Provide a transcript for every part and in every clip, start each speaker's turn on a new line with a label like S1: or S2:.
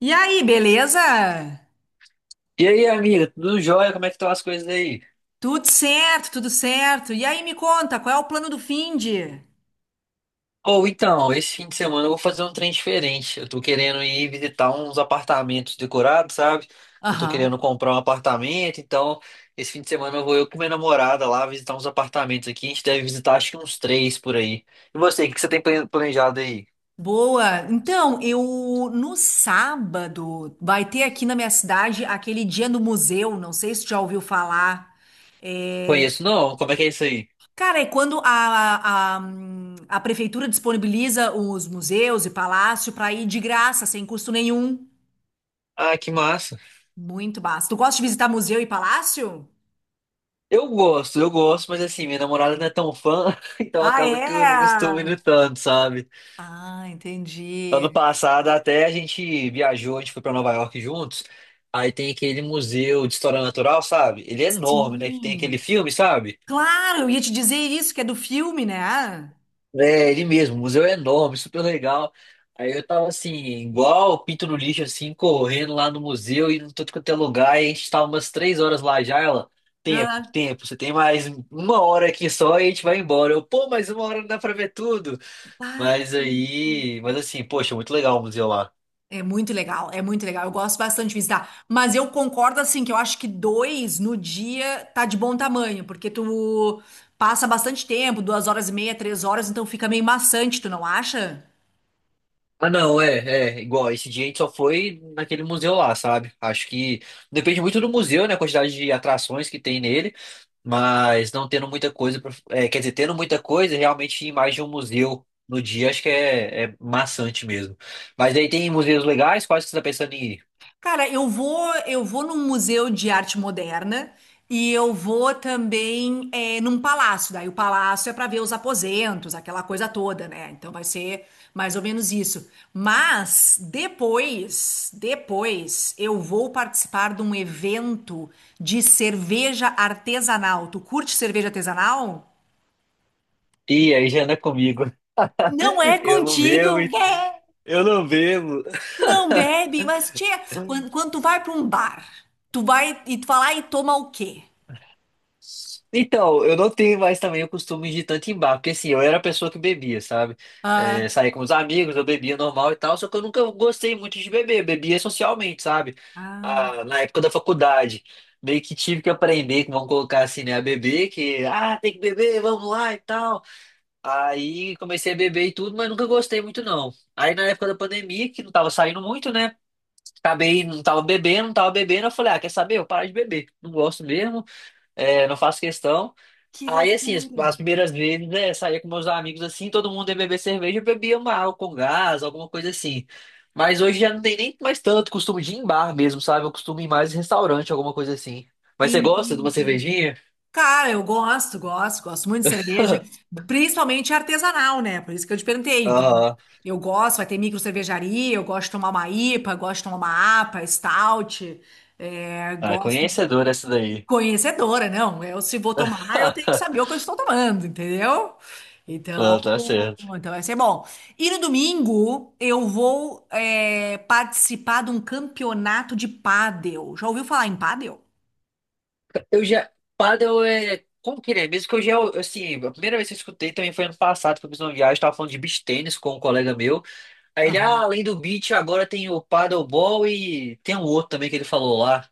S1: E aí, beleza?
S2: E aí, amiga, tudo jóia? Como é que estão as coisas aí?
S1: Tudo certo, tudo certo. E aí, me conta, qual é o plano do finde?
S2: Ou então, esse fim de semana eu vou fazer um trem diferente. Eu tô querendo ir visitar uns apartamentos decorados, sabe? Que eu tô
S1: Aham.
S2: querendo comprar um apartamento, então esse fim de semana eu com minha namorada lá visitar uns apartamentos aqui. A gente deve visitar acho que uns três por aí. E você, o que que você tem planejado aí?
S1: Boa. Então, eu no sábado vai ter aqui na minha cidade aquele dia no museu, não sei se tu já ouviu falar. É.
S2: Conheço não? Como é que é isso aí?
S1: Cara, é quando a prefeitura disponibiliza os museus e palácio para ir de graça, sem custo nenhum.
S2: Ah, que massa.
S1: Muito massa. Tu gosta de visitar museu e palácio?
S2: Eu gosto, mas assim, minha namorada não é tão fã, então
S1: Ah,
S2: acaba que eu não costumo
S1: é?
S2: ir tanto, sabe?
S1: Ah,
S2: Ano
S1: entendi.
S2: passado até a gente viajou, a gente foi para Nova York juntos. Aí tem aquele museu de história natural, sabe? Ele é enorme, né? Que tem aquele
S1: Sim.
S2: filme, sabe?
S1: Claro, eu ia te dizer isso, que é do filme, né?
S2: É, ele mesmo, o museu é enorme, super legal. Aí eu tava assim, igual pinto no lixo, assim, correndo lá no museu e não tô quanto é lugar. E a gente tava umas 3 horas lá já, ela. Tempo,
S1: Ah,
S2: tempo, você tem mais uma hora aqui só e a gente vai embora. Eu, pô, mais uma hora não dá pra ver tudo.
S1: ah,
S2: Mas aí, mas assim, poxa, muito legal o museu lá.
S1: é muito legal, é muito legal. Eu gosto bastante de visitar. Mas eu concordo, assim, que eu acho que dois no dia tá de bom tamanho, porque tu passa bastante tempo, duas horas e meia, 3 horas, então fica meio maçante, tu não acha?
S2: Ah, não, é, é, igual, esse dia a gente só foi naquele museu lá, sabe? Acho que depende muito do museu, né, a quantidade de atrações que tem nele, mas não tendo muita coisa, é, quer dizer, tendo muita coisa, realmente ir mais de um museu no dia, acho que é maçante mesmo. Mas aí tem museus legais, quais que você tá pensando em ir?
S1: Cara, eu vou num museu de arte moderna e eu vou também num palácio. Daí o palácio é para ver os aposentos, aquela coisa toda, né? Então vai ser mais ou menos isso. Mas depois eu vou participar de um evento de cerveja artesanal. Tu curte cerveja artesanal?
S2: Ih, aí já não é comigo.
S1: Não é
S2: Eu não bebo,
S1: contigo,
S2: hein?
S1: véi!
S2: Eu não bebo.
S1: Não bebe, mas tia, quando tu vai para um bar, tu vai e tu vai lá e toma o quê?
S2: Então, eu não tenho mais também o costume de tanto em bar, porque assim, eu era a pessoa que bebia, sabe? É,
S1: Ah,
S2: saía com os amigos, eu bebia normal e tal, só que eu nunca gostei muito de beber, eu bebia socialmente, sabe?
S1: ah,
S2: Ah, na época da faculdade, meio que tive que aprender, que vão colocar assim, né, a beber, que, ah, tem que beber, vamos lá e tal. Aí comecei a beber e tudo, mas nunca gostei muito não. Aí na época da pandemia, que não tava saindo muito, né? Acabei, não tava bebendo, não tava bebendo, eu falei, ah, quer saber? Eu paro de beber, não gosto mesmo, é, não faço questão.
S1: que
S2: Aí, assim, as,
S1: loucura.
S2: as primeiras vezes, é, saía com meus amigos assim, todo mundo ia beber cerveja, eu bebia uma água com gás, alguma coisa assim. Mas hoje já não tem nem mais tanto costume de ir em bar mesmo, sabe? Eu costumo ir mais em restaurante, alguma coisa assim. Mas você gosta de uma
S1: Entendi.
S2: cervejinha?
S1: Cara, eu gosto, gosto, gosto muito de cerveja, principalmente artesanal, né? Por isso que eu te perguntei. Então,
S2: Aham.
S1: eu gosto, vai ter micro cervejaria, eu gosto de tomar uma IPA, gosto de tomar uma APA, stout, é,
S2: Ah,
S1: gosto.
S2: conhecedor essa daí.
S1: Conhecedora, não. Eu, se vou tomar, eu tenho que saber o que eu estou tomando, entendeu?
S2: Não,
S1: Então,
S2: tá certo.
S1: então vai ser bom. E no domingo eu vou participar de um campeonato de pádel. Já ouviu falar em pádel?
S2: Eu já. Paddle é. Como que ele é? Mesmo que eu já. Assim, a primeira vez que eu escutei também foi ano passado, que eu fiz uma viagem, tava falando de beach tênis com um colega meu. Aí ele, ah,
S1: Aham.
S2: além do beach, agora tem o paddleball e tem um outro também que ele falou lá.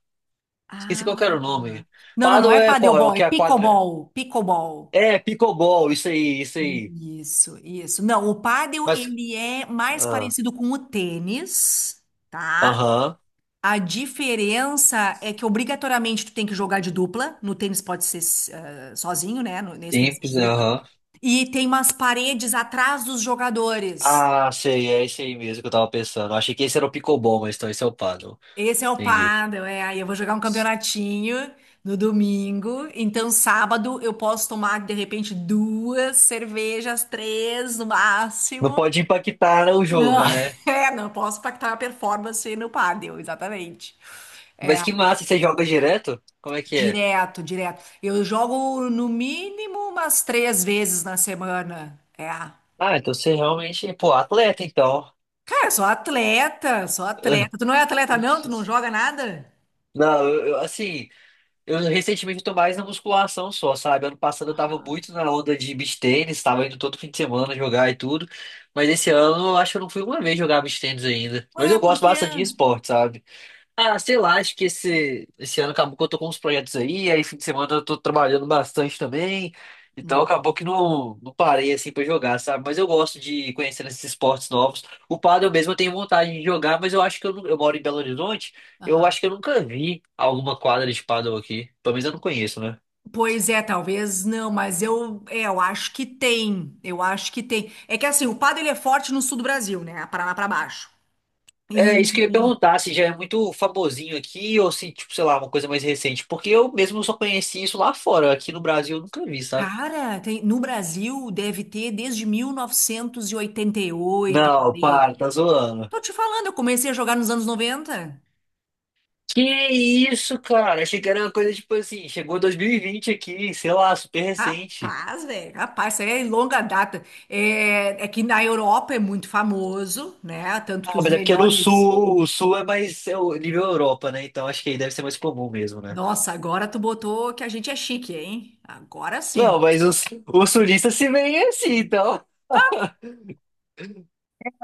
S2: Esqueci qual que
S1: Ah.
S2: era o nome.
S1: Não, não, não
S2: Paddle
S1: é
S2: é qual? É o
S1: padelbol, é
S2: que é a quadra?
S1: pickleball, pickleball.
S2: É, pickleball, isso aí, isso aí.
S1: Isso, isso. Não, o pádel
S2: Mas,
S1: ele é mais
S2: ah,
S1: parecido com o tênis, tá?
S2: aham,
S1: A diferença é que obrigatoriamente tu tem que jogar de dupla. No tênis pode ser sozinho, né? Nesse tem que ser
S2: simples,
S1: de
S2: né,
S1: dupla.
S2: aham.
S1: E tem umas paredes atrás dos jogadores.
S2: Ah, sei, é isso aí mesmo que eu tava pensando. Eu achei que esse era o pickleball, mas então esse é o paddle.
S1: Esse é o
S2: Entendi.
S1: pádel, é. Aí eu vou jogar um campeonatinho no domingo. Então, sábado eu posso tomar, de repente, duas cervejas, três no
S2: Não
S1: máximo.
S2: pode impactar o
S1: Não,
S2: jogo, né?
S1: é, não posso impactar a performance no pádel, exatamente.
S2: Mas que massa, você joga direto? Como é que é?
S1: Direto, direto. Eu jogo no mínimo umas três vezes na semana. É.
S2: Ah, então você realmente, pô, atleta, então.
S1: Cara, sou atleta, sou atleta. Tu não é atleta, não? Tu não joga nada?
S2: Não, assim, eu recentemente tô mais na musculação só, sabe? Ano passado eu tava
S1: Aham.
S2: muito na onda de beach tênis, tava indo todo fim de semana jogar e tudo. Mas esse ano eu acho que eu não fui uma vez jogar beach tênis ainda.
S1: Ué,
S2: Mas eu
S1: por
S2: gosto
S1: quê?
S2: bastante de esporte, sabe? Ah, sei lá, acho que esse ano acabou que eu tô com uns projetos aí, fim de semana eu tô trabalhando bastante também, então
S1: Hum,
S2: acabou que não, não parei assim pra jogar, sabe? Mas eu gosto de conhecer esses esportes novos. O pádel mesmo eu tenho vontade de jogar, mas eu acho que eu moro em Belo Horizonte, eu
S1: aham.
S2: acho que eu nunca vi alguma quadra de pádel aqui, pelo menos eu não conheço, né?
S1: Pois é, talvez não, mas eu acho que tem. Eu acho que tem. É que assim, o pádel ele é forte no sul do Brasil, né? Paraná pra baixo.
S2: É, isso
S1: E,
S2: que eu ia
S1: e,
S2: perguntar, se já é muito famosinho aqui ou se, tipo, sei lá, uma coisa mais recente, porque eu mesmo só conheci isso lá fora, aqui no Brasil eu nunca vi, sabe?
S1: cara, no Brasil deve ter desde 1988, por
S2: Não,
S1: aí.
S2: para, tá zoando.
S1: Tô te falando, eu comecei a jogar nos anos 90.
S2: Que isso, cara? Achei que era uma coisa tipo assim, chegou 2020 aqui, sei lá, super recente.
S1: Rapaz, velho, rapaz, isso aí é longa data. É que na Europa é muito famoso, né? Tanto que
S2: Ah,
S1: os
S2: mas é porque é no
S1: melhores.
S2: sul, o sul é mais é o nível Europa, né? Então acho que aí deve ser mais comum mesmo, né?
S1: Nossa, agora tu botou que a gente é chique, hein? Agora sim.
S2: Não, mas os sulistas se veem assim, então.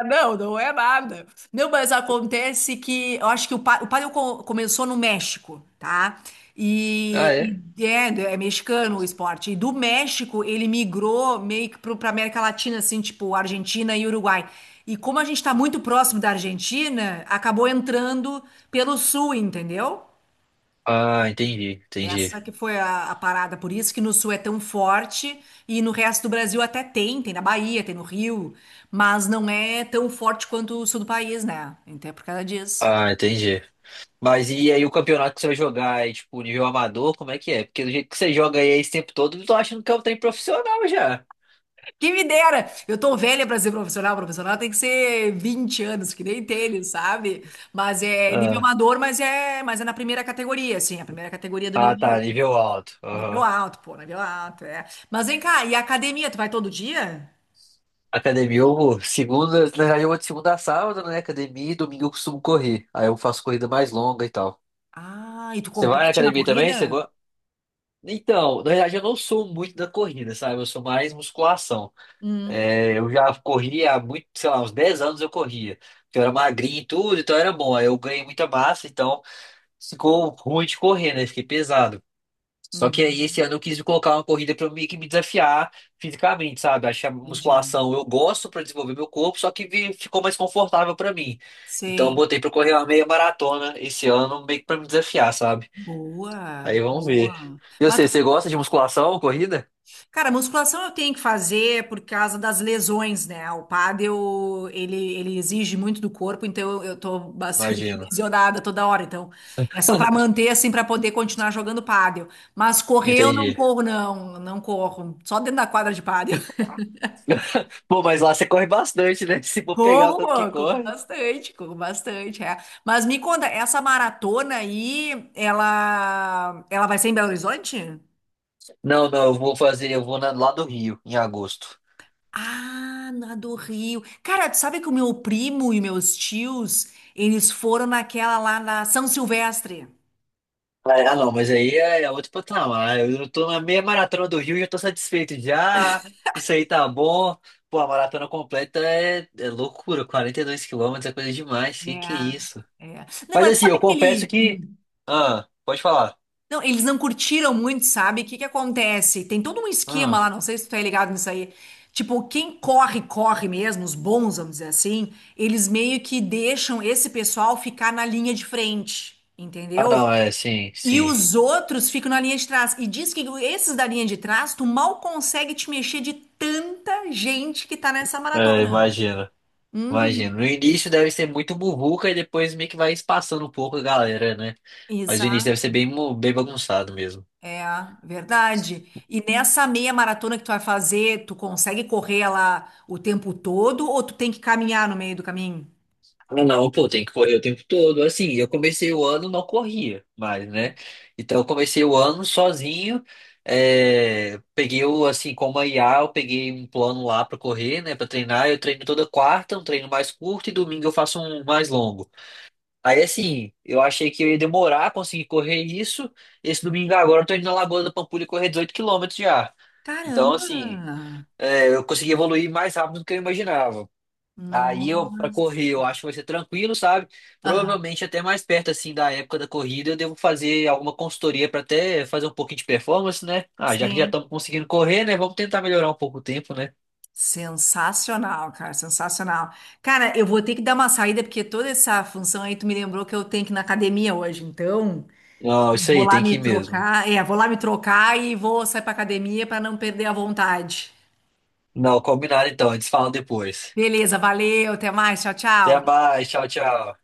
S1: Não, não é nada. Não, mas acontece que eu acho que o paddle começou no México, tá?
S2: Ah,
S1: E,
S2: é?
S1: e é mexicano o esporte. E do México ele migrou meio que pra América Latina, assim, tipo Argentina e Uruguai. E como a gente tá muito próximo da Argentina, acabou entrando pelo sul, entendeu?
S2: Ah, entendi, entendi.
S1: Essa que foi a parada, por isso que no sul é tão forte e no resto do Brasil até tem, tem na Bahia, tem no Rio, mas não é tão forte quanto o sul do país, né? Então é por causa disso.
S2: Ah, entendi. Mas e aí o campeonato que você vai jogar é tipo nível amador, como é que é? Porque do jeito que você joga aí esse tempo todo, eu tô achando que é um trem profissional já.
S1: Que me dera! Eu tô velha pra ser profissional, profissional tem que ser 20 anos, que nem tênis, sabe? Mas é nível
S2: Ah,
S1: amador, mas é na primeira categoria, assim, a primeira categoria do nível
S2: ah, tá,
S1: amador.
S2: nível alto.
S1: Nível alto, pô, nível alto, é. Mas vem cá, e a academia, tu vai todo dia?
S2: Academia, eu vou. Segunda, na verdade, eu vou de segunda a sábado, né? Academia e domingo eu costumo correr. Aí eu faço corrida mais longa e tal.
S1: Ah, e tu
S2: Você vai na
S1: compete na
S2: academia também? Você
S1: corrida?
S2: gosta? Então, na verdade, eu não sou muito da corrida, sabe? Eu sou mais musculação.
S1: Hum.
S2: É, eu já corri há muito, sei lá, uns 10 anos eu corria. Porque eu era magrinho e tudo, então era bom. Aí eu ganhei muita massa, então ficou ruim de correr, né? Fiquei pesado. Só que aí
S1: Uhum.
S2: esse ano eu quis colocar uma corrida para eu meio que me desafiar fisicamente, sabe? Achei a
S1: Entendi.
S2: musculação, eu gosto para desenvolver meu corpo, só que ficou mais confortável para mim. Então eu
S1: Sim.
S2: botei para correr uma meia maratona esse ano, meio que para me desafiar, sabe?
S1: Boa,
S2: Aí vamos ver.
S1: boa.
S2: E
S1: Mas,
S2: você gosta de musculação, corrida?
S1: cara, musculação eu tenho que fazer por causa das lesões, né? O pádel, ele exige muito do corpo, então eu tô bastante
S2: Imagino.
S1: lesionada toda hora. Então, é só pra manter, assim, pra poder continuar jogando pádel. Mas correr eu não
S2: Entendi.
S1: corro, não. Não corro. Só dentro da quadra de pádel.
S2: Pô, mas lá você corre bastante, né? Se for pegar o
S1: Corro,
S2: tanto que
S1: pô,
S2: corre.
S1: corro bastante, é. Mas me conta, essa maratona aí, ela vai ser em Belo Horizonte?
S2: Não, não, eu vou lá do Rio, em agosto.
S1: Ah, na do Rio. Cara, tu sabe que o meu primo e meus tios, eles foram naquela lá na São Silvestre.
S2: Ah, ah, não, mas aí é outro patamar. Eu tô na meia maratona do Rio e já tô satisfeito já. Isso aí tá bom. Pô, a maratona completa é loucura. 42 quilômetros é coisa demais. Que é isso?
S1: É, é. Não,
S2: Mas
S1: mas
S2: assim,
S1: sabe
S2: eu
S1: que
S2: confesso
S1: ele...
S2: que.
S1: Hum.
S2: Ah, pode falar.
S1: Não, eles não curtiram muito, sabe? O que que acontece? Tem todo um esquema
S2: Ah,
S1: lá, não sei se tu tá ligado nisso aí. Tipo, quem corre, corre mesmo, os bons, vamos dizer assim, eles meio que deixam esse pessoal ficar na linha de frente,
S2: ah
S1: entendeu?
S2: não, é, sim,
S1: E
S2: sim.
S1: os outros ficam na linha de trás. E diz que esses da linha de trás, tu mal consegue te mexer de tanta gente que tá nessa
S2: É,
S1: maratona.
S2: imagina.
S1: Uhum,
S2: Imagina. No início deve ser muito muvuca e depois meio que vai espaçando um pouco a galera, né? Mas o início
S1: exato.
S2: deve ser bem bagunçado mesmo.
S1: É, verdade. E nessa meia maratona que tu vai fazer, tu consegue correr lá o tempo todo ou tu tem que caminhar no meio do caminho?
S2: Ah, não, pô, tem que correr o tempo todo. Assim, eu comecei o ano, não corria mais, né? Então, eu comecei o ano sozinho. É, peguei o, assim, como a IA, eu peguei um plano lá pra correr, né? Pra treinar. Eu treino toda quarta, um treino mais curto, e domingo eu faço um mais longo. Aí, assim, eu achei que eu ia demorar a conseguir correr isso. Esse domingo agora eu tô indo na Lagoa da Pampulha correr 18 quilômetros já. Então, assim,
S1: Caramba!
S2: é, eu consegui evoluir mais rápido do que eu imaginava. Aí eu, pra
S1: Nossa.
S2: correr, eu acho que vai ser tranquilo, sabe?
S1: Aham,
S2: Provavelmente até mais perto, assim, da época da corrida, eu devo fazer alguma consultoria pra até fazer um pouquinho de performance, né? Ah, já que já
S1: sim.
S2: estamos conseguindo correr, né? Vamos tentar melhorar um pouco o tempo, né?
S1: Sensacional. Cara, eu vou ter que dar uma saída porque toda essa função aí tu me lembrou que eu tenho que ir na academia hoje, então
S2: Não, isso
S1: vou
S2: aí,
S1: lá
S2: tem
S1: me
S2: que ir mesmo.
S1: trocar, é, vou lá me trocar e vou sair pra academia para não perder a vontade.
S2: Não, combinado então, a gente se fala depois.
S1: Beleza, valeu, até mais, tchau,
S2: Até
S1: tchau.
S2: mais, tchau, tchau.